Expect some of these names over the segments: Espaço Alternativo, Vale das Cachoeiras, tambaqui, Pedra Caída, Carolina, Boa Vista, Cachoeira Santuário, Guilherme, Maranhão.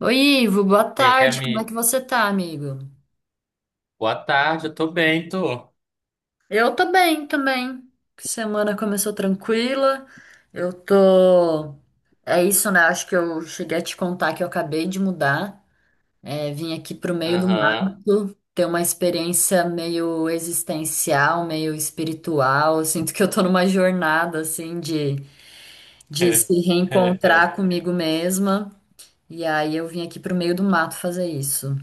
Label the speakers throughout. Speaker 1: Oi, Ivo, boa tarde. Como é
Speaker 2: Guilherme,
Speaker 1: que você tá, amigo?
Speaker 2: boa tarde, eu tô bem, tô.
Speaker 1: Eu tô bem também. Semana começou tranquila. Eu tô. É isso, né? Acho que eu cheguei a te contar que eu acabei de mudar. É, vim aqui pro meio do
Speaker 2: Aham.
Speaker 1: mato, ter uma experiência meio existencial, meio espiritual. Eu sinto que eu tô numa jornada, assim, de se reencontrar comigo mesma. E aí eu vim aqui pro meio do mato fazer isso.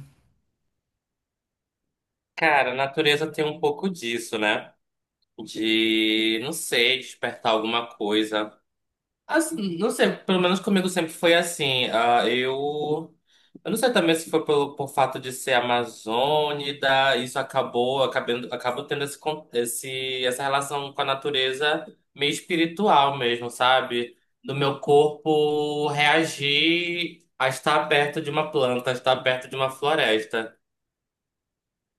Speaker 2: Cara, a natureza tem um pouco disso, né? De, não sei, despertar alguma coisa. Assim, não sei, pelo menos comigo sempre foi assim. Eu não sei também se foi por fato de ser amazônida, isso acabo tendo essa relação com a natureza meio espiritual mesmo, sabe? Do meu corpo reagir a estar perto de uma planta, a estar perto de uma floresta.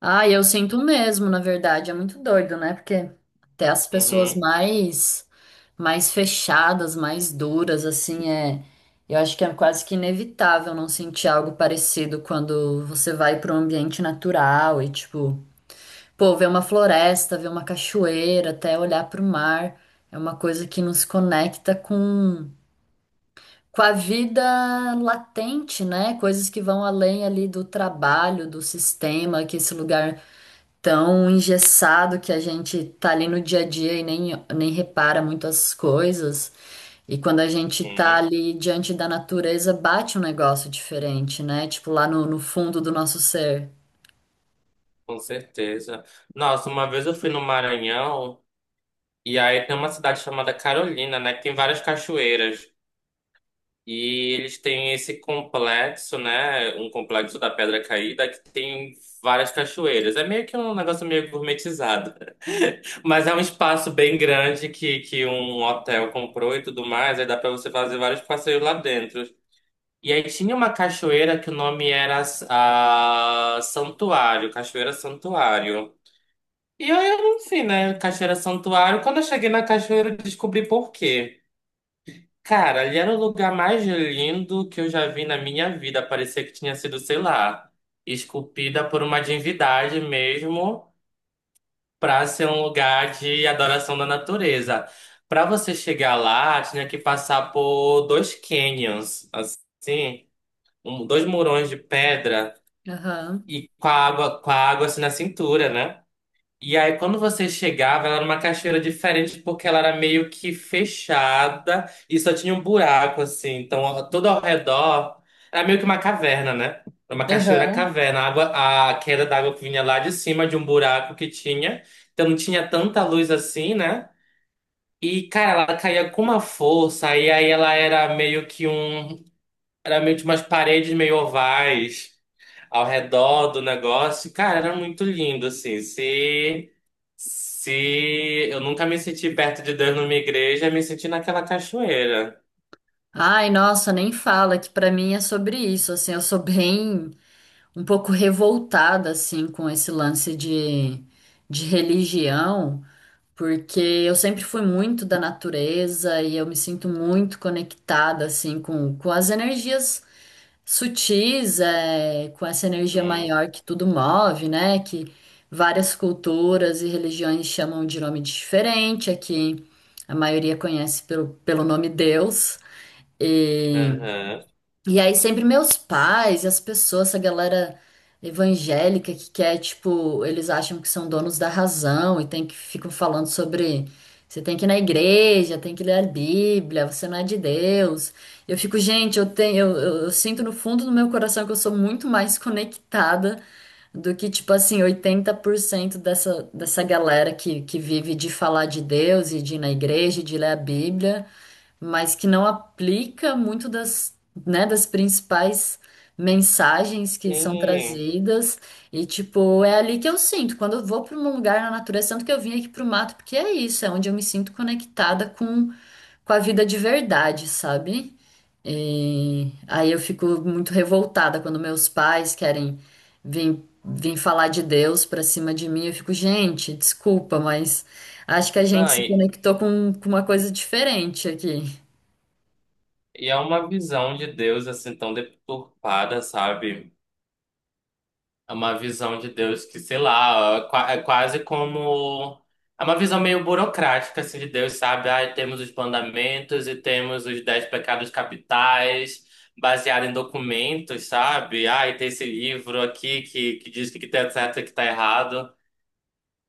Speaker 1: Ah, eu sinto mesmo, na verdade, é muito doido, né? Porque até as pessoas
Speaker 2: Uhum,
Speaker 1: mais fechadas, mais duras, assim, é, eu acho que é quase que inevitável não sentir algo parecido quando você vai para um ambiente natural e tipo, pô, ver uma floresta, ver uma cachoeira, até olhar para o mar, é uma coisa que nos conecta com a vida latente, né? Coisas que vão além ali do trabalho, do sistema que esse lugar tão engessado que a gente tá ali no dia a dia e nem, nem repara muito as coisas. E quando a gente tá
Speaker 2: uhum,
Speaker 1: ali diante da natureza, bate um negócio diferente, né? Tipo lá no, no fundo do nosso ser.
Speaker 2: com certeza. Nossa, uma vez eu fui no Maranhão. E aí tem uma cidade chamada Carolina, né? Que tem várias cachoeiras. E eles têm esse complexo, né? Um complexo da Pedra Caída que tem várias cachoeiras. É meio que um negócio meio gourmetizado. Mas é um espaço bem grande que um hotel comprou e tudo mais. Aí dá pra você fazer vários passeios lá dentro. E aí tinha uma cachoeira que o nome era a Santuário, Cachoeira Santuário. E aí, enfim, né? Cachoeira Santuário. Quando eu cheguei na cachoeira, eu descobri por quê. Cara, ali era o lugar mais lindo que eu já vi na minha vida. Parecia que tinha sido, sei lá, esculpida por uma divindade mesmo, para ser um lugar de adoração da natureza. Para você chegar lá, tinha que passar por dois canyons, assim, dois murões de pedra
Speaker 1: Aham.
Speaker 2: e com a água assim na cintura, né? E aí, quando você chegava, ela era uma cachoeira diferente porque ela era meio que fechada e só tinha um buraco, assim. Então, ó, todo ao redor era meio que uma caverna, né? Era uma cachoeira
Speaker 1: Aham.
Speaker 2: caverna. A água, a queda d'água que vinha lá de cima de um buraco que tinha. Então, não tinha tanta luz assim, né? E, cara, ela caía com uma força. E aí, ela era meio que um. Era meio que umas paredes meio ovais ao redor do negócio. Cara, era muito lindo, assim. Se. Se eu nunca me senti perto de Deus numa igreja, eu me senti naquela cachoeira.
Speaker 1: Ai, nossa, nem fala, que pra mim é sobre isso, assim, eu sou bem um pouco revoltada assim com esse lance de religião. Porque eu sempre fui muito da natureza e eu me sinto muito conectada assim com as energias sutis, é, com essa energia
Speaker 2: Hum.
Speaker 1: maior que tudo move, né? Que várias culturas e religiões chamam de nome diferente, aqui a maioria conhece pelo, pelo nome Deus. E
Speaker 2: Aham.
Speaker 1: e aí sempre meus pais e as pessoas, essa galera evangélica que quer, tipo, eles acham que são donos da razão e tem que ficam falando sobre você tem que ir na igreja, tem que ler a Bíblia, você não é de Deus. Eu fico, gente, eu tenho, eu sinto no fundo do meu coração que eu sou muito mais conectada do que, tipo assim, 80% dessa, dessa galera que vive de falar de Deus e de ir na igreja, e de ler a Bíblia, mas que não aplica muito das, né, das principais mensagens que são
Speaker 2: Sim.
Speaker 1: trazidas. E, tipo, é ali que eu sinto. Quando eu vou para um lugar na natureza, tanto que eu vim aqui pro mato, porque é isso, é onde eu me sinto conectada com a vida de verdade, sabe? E aí eu fico muito revoltada quando meus pais querem vir falar de Deus pra cima de mim. Eu fico, gente, desculpa, mas acho que a gente
Speaker 2: Não,
Speaker 1: se conectou com uma coisa diferente aqui.
Speaker 2: e é uma visão de Deus assim tão deturpada, sabe? É uma visão de Deus que, sei lá, é quase como. É uma visão meio burocrática assim, de Deus, sabe? Ah, temos os mandamentos e temos os dez pecados capitais, baseado em documentos, sabe? Ah, e tem esse livro aqui que diz o que que tá certo e o que tá errado.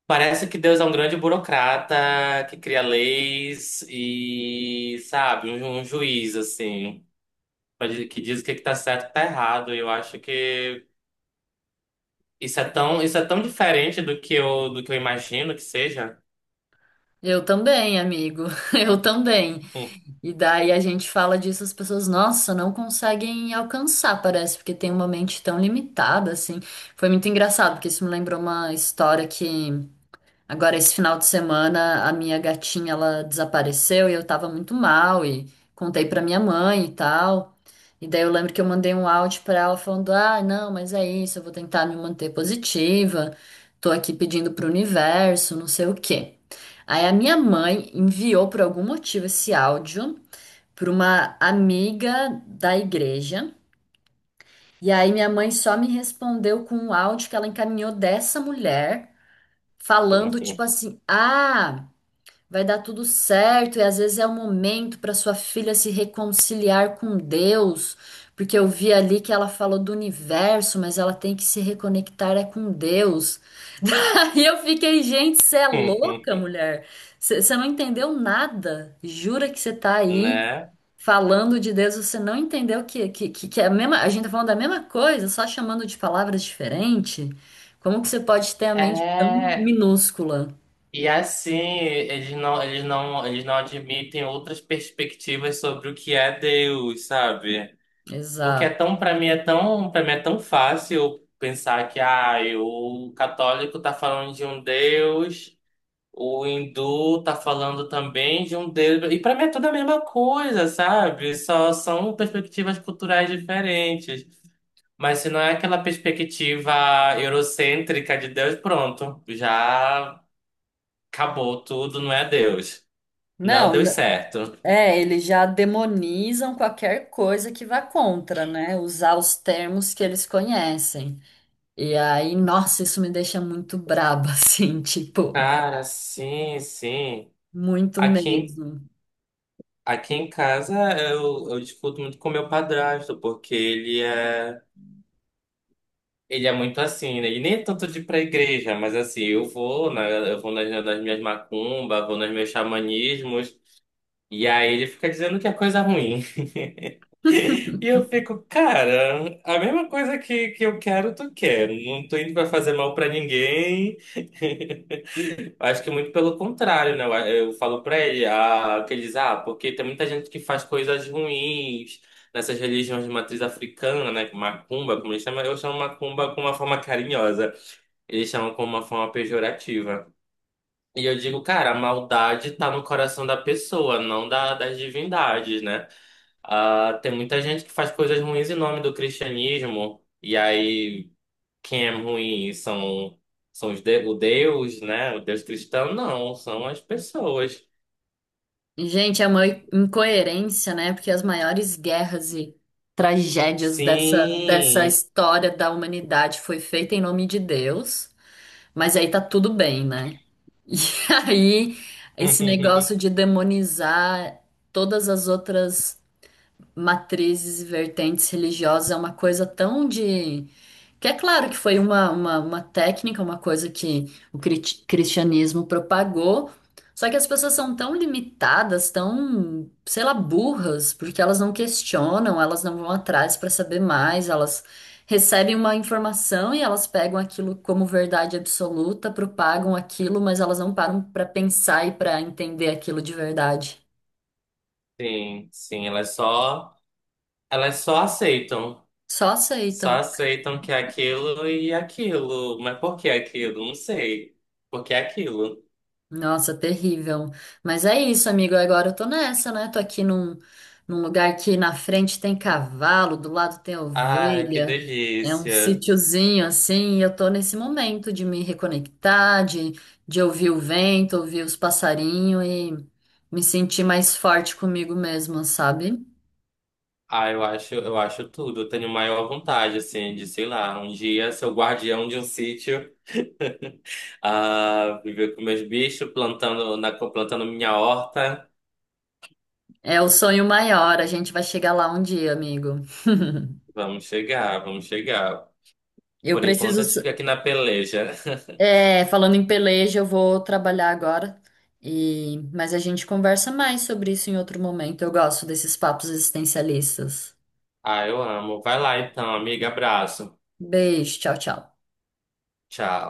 Speaker 2: Parece que Deus é um grande burocrata que cria leis e, sabe, um juiz, assim, que diz o que que tá certo e o que tá errado. E eu acho que isso é tão diferente do que eu imagino que seja.
Speaker 1: Eu também, amigo. Eu também.
Speaker 2: Hum.
Speaker 1: E daí a gente fala disso, as pessoas, nossa, não conseguem alcançar, parece, porque tem uma mente tão limitada, assim. Foi muito engraçado, porque isso me lembrou uma história que. Agora, esse final de semana, a minha gatinha, ela desapareceu e eu tava muito mal e contei pra minha mãe e tal. E daí eu lembro que eu mandei um áudio pra ela falando: "Ah, não, mas é isso, eu vou tentar me manter positiva. Tô aqui pedindo pro universo, não sei o quê". Aí a minha mãe enviou por algum motivo esse áudio pra uma amiga da igreja. E aí minha mãe só me respondeu com um áudio que ela encaminhou dessa mulher, falando tipo assim: "Ah, vai dar tudo certo, e às vezes é o momento para sua filha se reconciliar com Deus, porque eu vi ali que ela falou do universo, mas ela tem que se reconectar é com Deus". Daí eu fiquei, gente, você é louca, mulher. Você não entendeu nada. Jura que você tá aí
Speaker 2: Né?
Speaker 1: falando de Deus, você não entendeu que, que é a mesma, a gente tá falando da mesma coisa, só chamando de palavras diferentes. Como que você pode ter a mente tão
Speaker 2: É,
Speaker 1: minúscula?
Speaker 2: e assim, eles não admitem outras perspectivas sobre o que é Deus, sabe? Porque é
Speaker 1: Exato.
Speaker 2: tão, para mim é tão, para mim é tão fácil pensar que ah, o católico tá falando de um Deus, o hindu tá falando também de um Deus, e para mim é tudo a mesma coisa, sabe? Só são perspectivas culturais diferentes. Mas se não é aquela perspectiva eurocêntrica de Deus, pronto, já acabou tudo, não é Deus. Não
Speaker 1: Não.
Speaker 2: deu certo.
Speaker 1: É, eles já demonizam qualquer coisa que vá contra, né? Usar os termos que eles conhecem. E aí, nossa, isso me deixa muito braba, assim, tipo,
Speaker 2: Cara, sim, sim.
Speaker 1: muito
Speaker 2: Aqui, em-
Speaker 1: mesmo.
Speaker 2: aqui em casa eu discuto muito com meu padrasto, porque ele é muito assim, né? Ele nem é tanto de ir pra igreja, mas assim, eu vou, né? Eu vou nas minhas macumbas, vou nos meus xamanismos, e aí ele fica dizendo que é coisa ruim. E eu fico, cara, a mesma coisa que eu quero, tu quer. Não tô indo pra fazer mal pra ninguém. Eu acho que muito pelo contrário, né? Eu falo pra ele, ah, que ele diz, ah, porque tem muita gente que faz coisas ruins nessas religiões de matriz africana, né? Macumba, como eles chamam, eu chamo macumba com uma forma carinhosa. Eles chamam com uma forma pejorativa. E eu digo, cara, a maldade tá no coração da pessoa, não da, das divindades, né? Ah, tem muita gente que faz coisas ruins em nome do cristianismo. E aí quem é ruim são, o Deus, né? O Deus cristão, não, são as pessoas.
Speaker 1: E, gente, é uma incoerência, né? Porque as maiores guerras e tragédias dessa, dessa
Speaker 2: Sim.
Speaker 1: história da humanidade foi feita em nome de Deus, mas aí tá tudo bem, né? E aí, esse negócio de demonizar todas as outras matrizes e vertentes religiosas é uma coisa tão de. Que é claro que foi uma técnica, uma coisa que o cristianismo propagou, só que as pessoas são tão limitadas, tão, sei lá, burras, porque elas não questionam, elas não vão atrás para saber mais, elas recebem uma informação e elas pegam aquilo como verdade absoluta, propagam aquilo, mas elas não param para pensar e para entender aquilo de verdade.
Speaker 2: Sim, elas só aceitam.
Speaker 1: Só
Speaker 2: Só
Speaker 1: aceitam.
Speaker 2: aceitam que é aquilo e aquilo. Mas por que aquilo? Não sei. Por que aquilo?
Speaker 1: Nossa, terrível. Mas é isso, amigo. Agora eu tô nessa, né? Tô aqui num, num lugar que na frente tem cavalo, do lado tem
Speaker 2: Ai, que
Speaker 1: ovelha. É um
Speaker 2: delícia.
Speaker 1: sítiozinho assim. E eu tô nesse momento de me reconectar, de ouvir o vento, ouvir os passarinhos e me sentir mais forte comigo mesma, sabe?
Speaker 2: Ah, eu acho tudo. Eu tenho maior vontade, assim, de, sei lá, um dia ser o guardião de um sítio, ah, viver com meus bichos, plantando minha horta.
Speaker 1: É o sonho maior. A gente vai chegar lá um dia, amigo.
Speaker 2: Vamos chegar, vamos chegar.
Speaker 1: Eu
Speaker 2: Por enquanto, a
Speaker 1: preciso.
Speaker 2: gente fica aqui na peleja.
Speaker 1: É, falando em peleja, eu vou trabalhar agora. E... Mas a gente conversa mais sobre isso em outro momento. Eu gosto desses papos existencialistas.
Speaker 2: Ah, eu amo. Vai lá então, amiga. Abraço.
Speaker 1: Beijo, tchau, tchau.
Speaker 2: Tchau.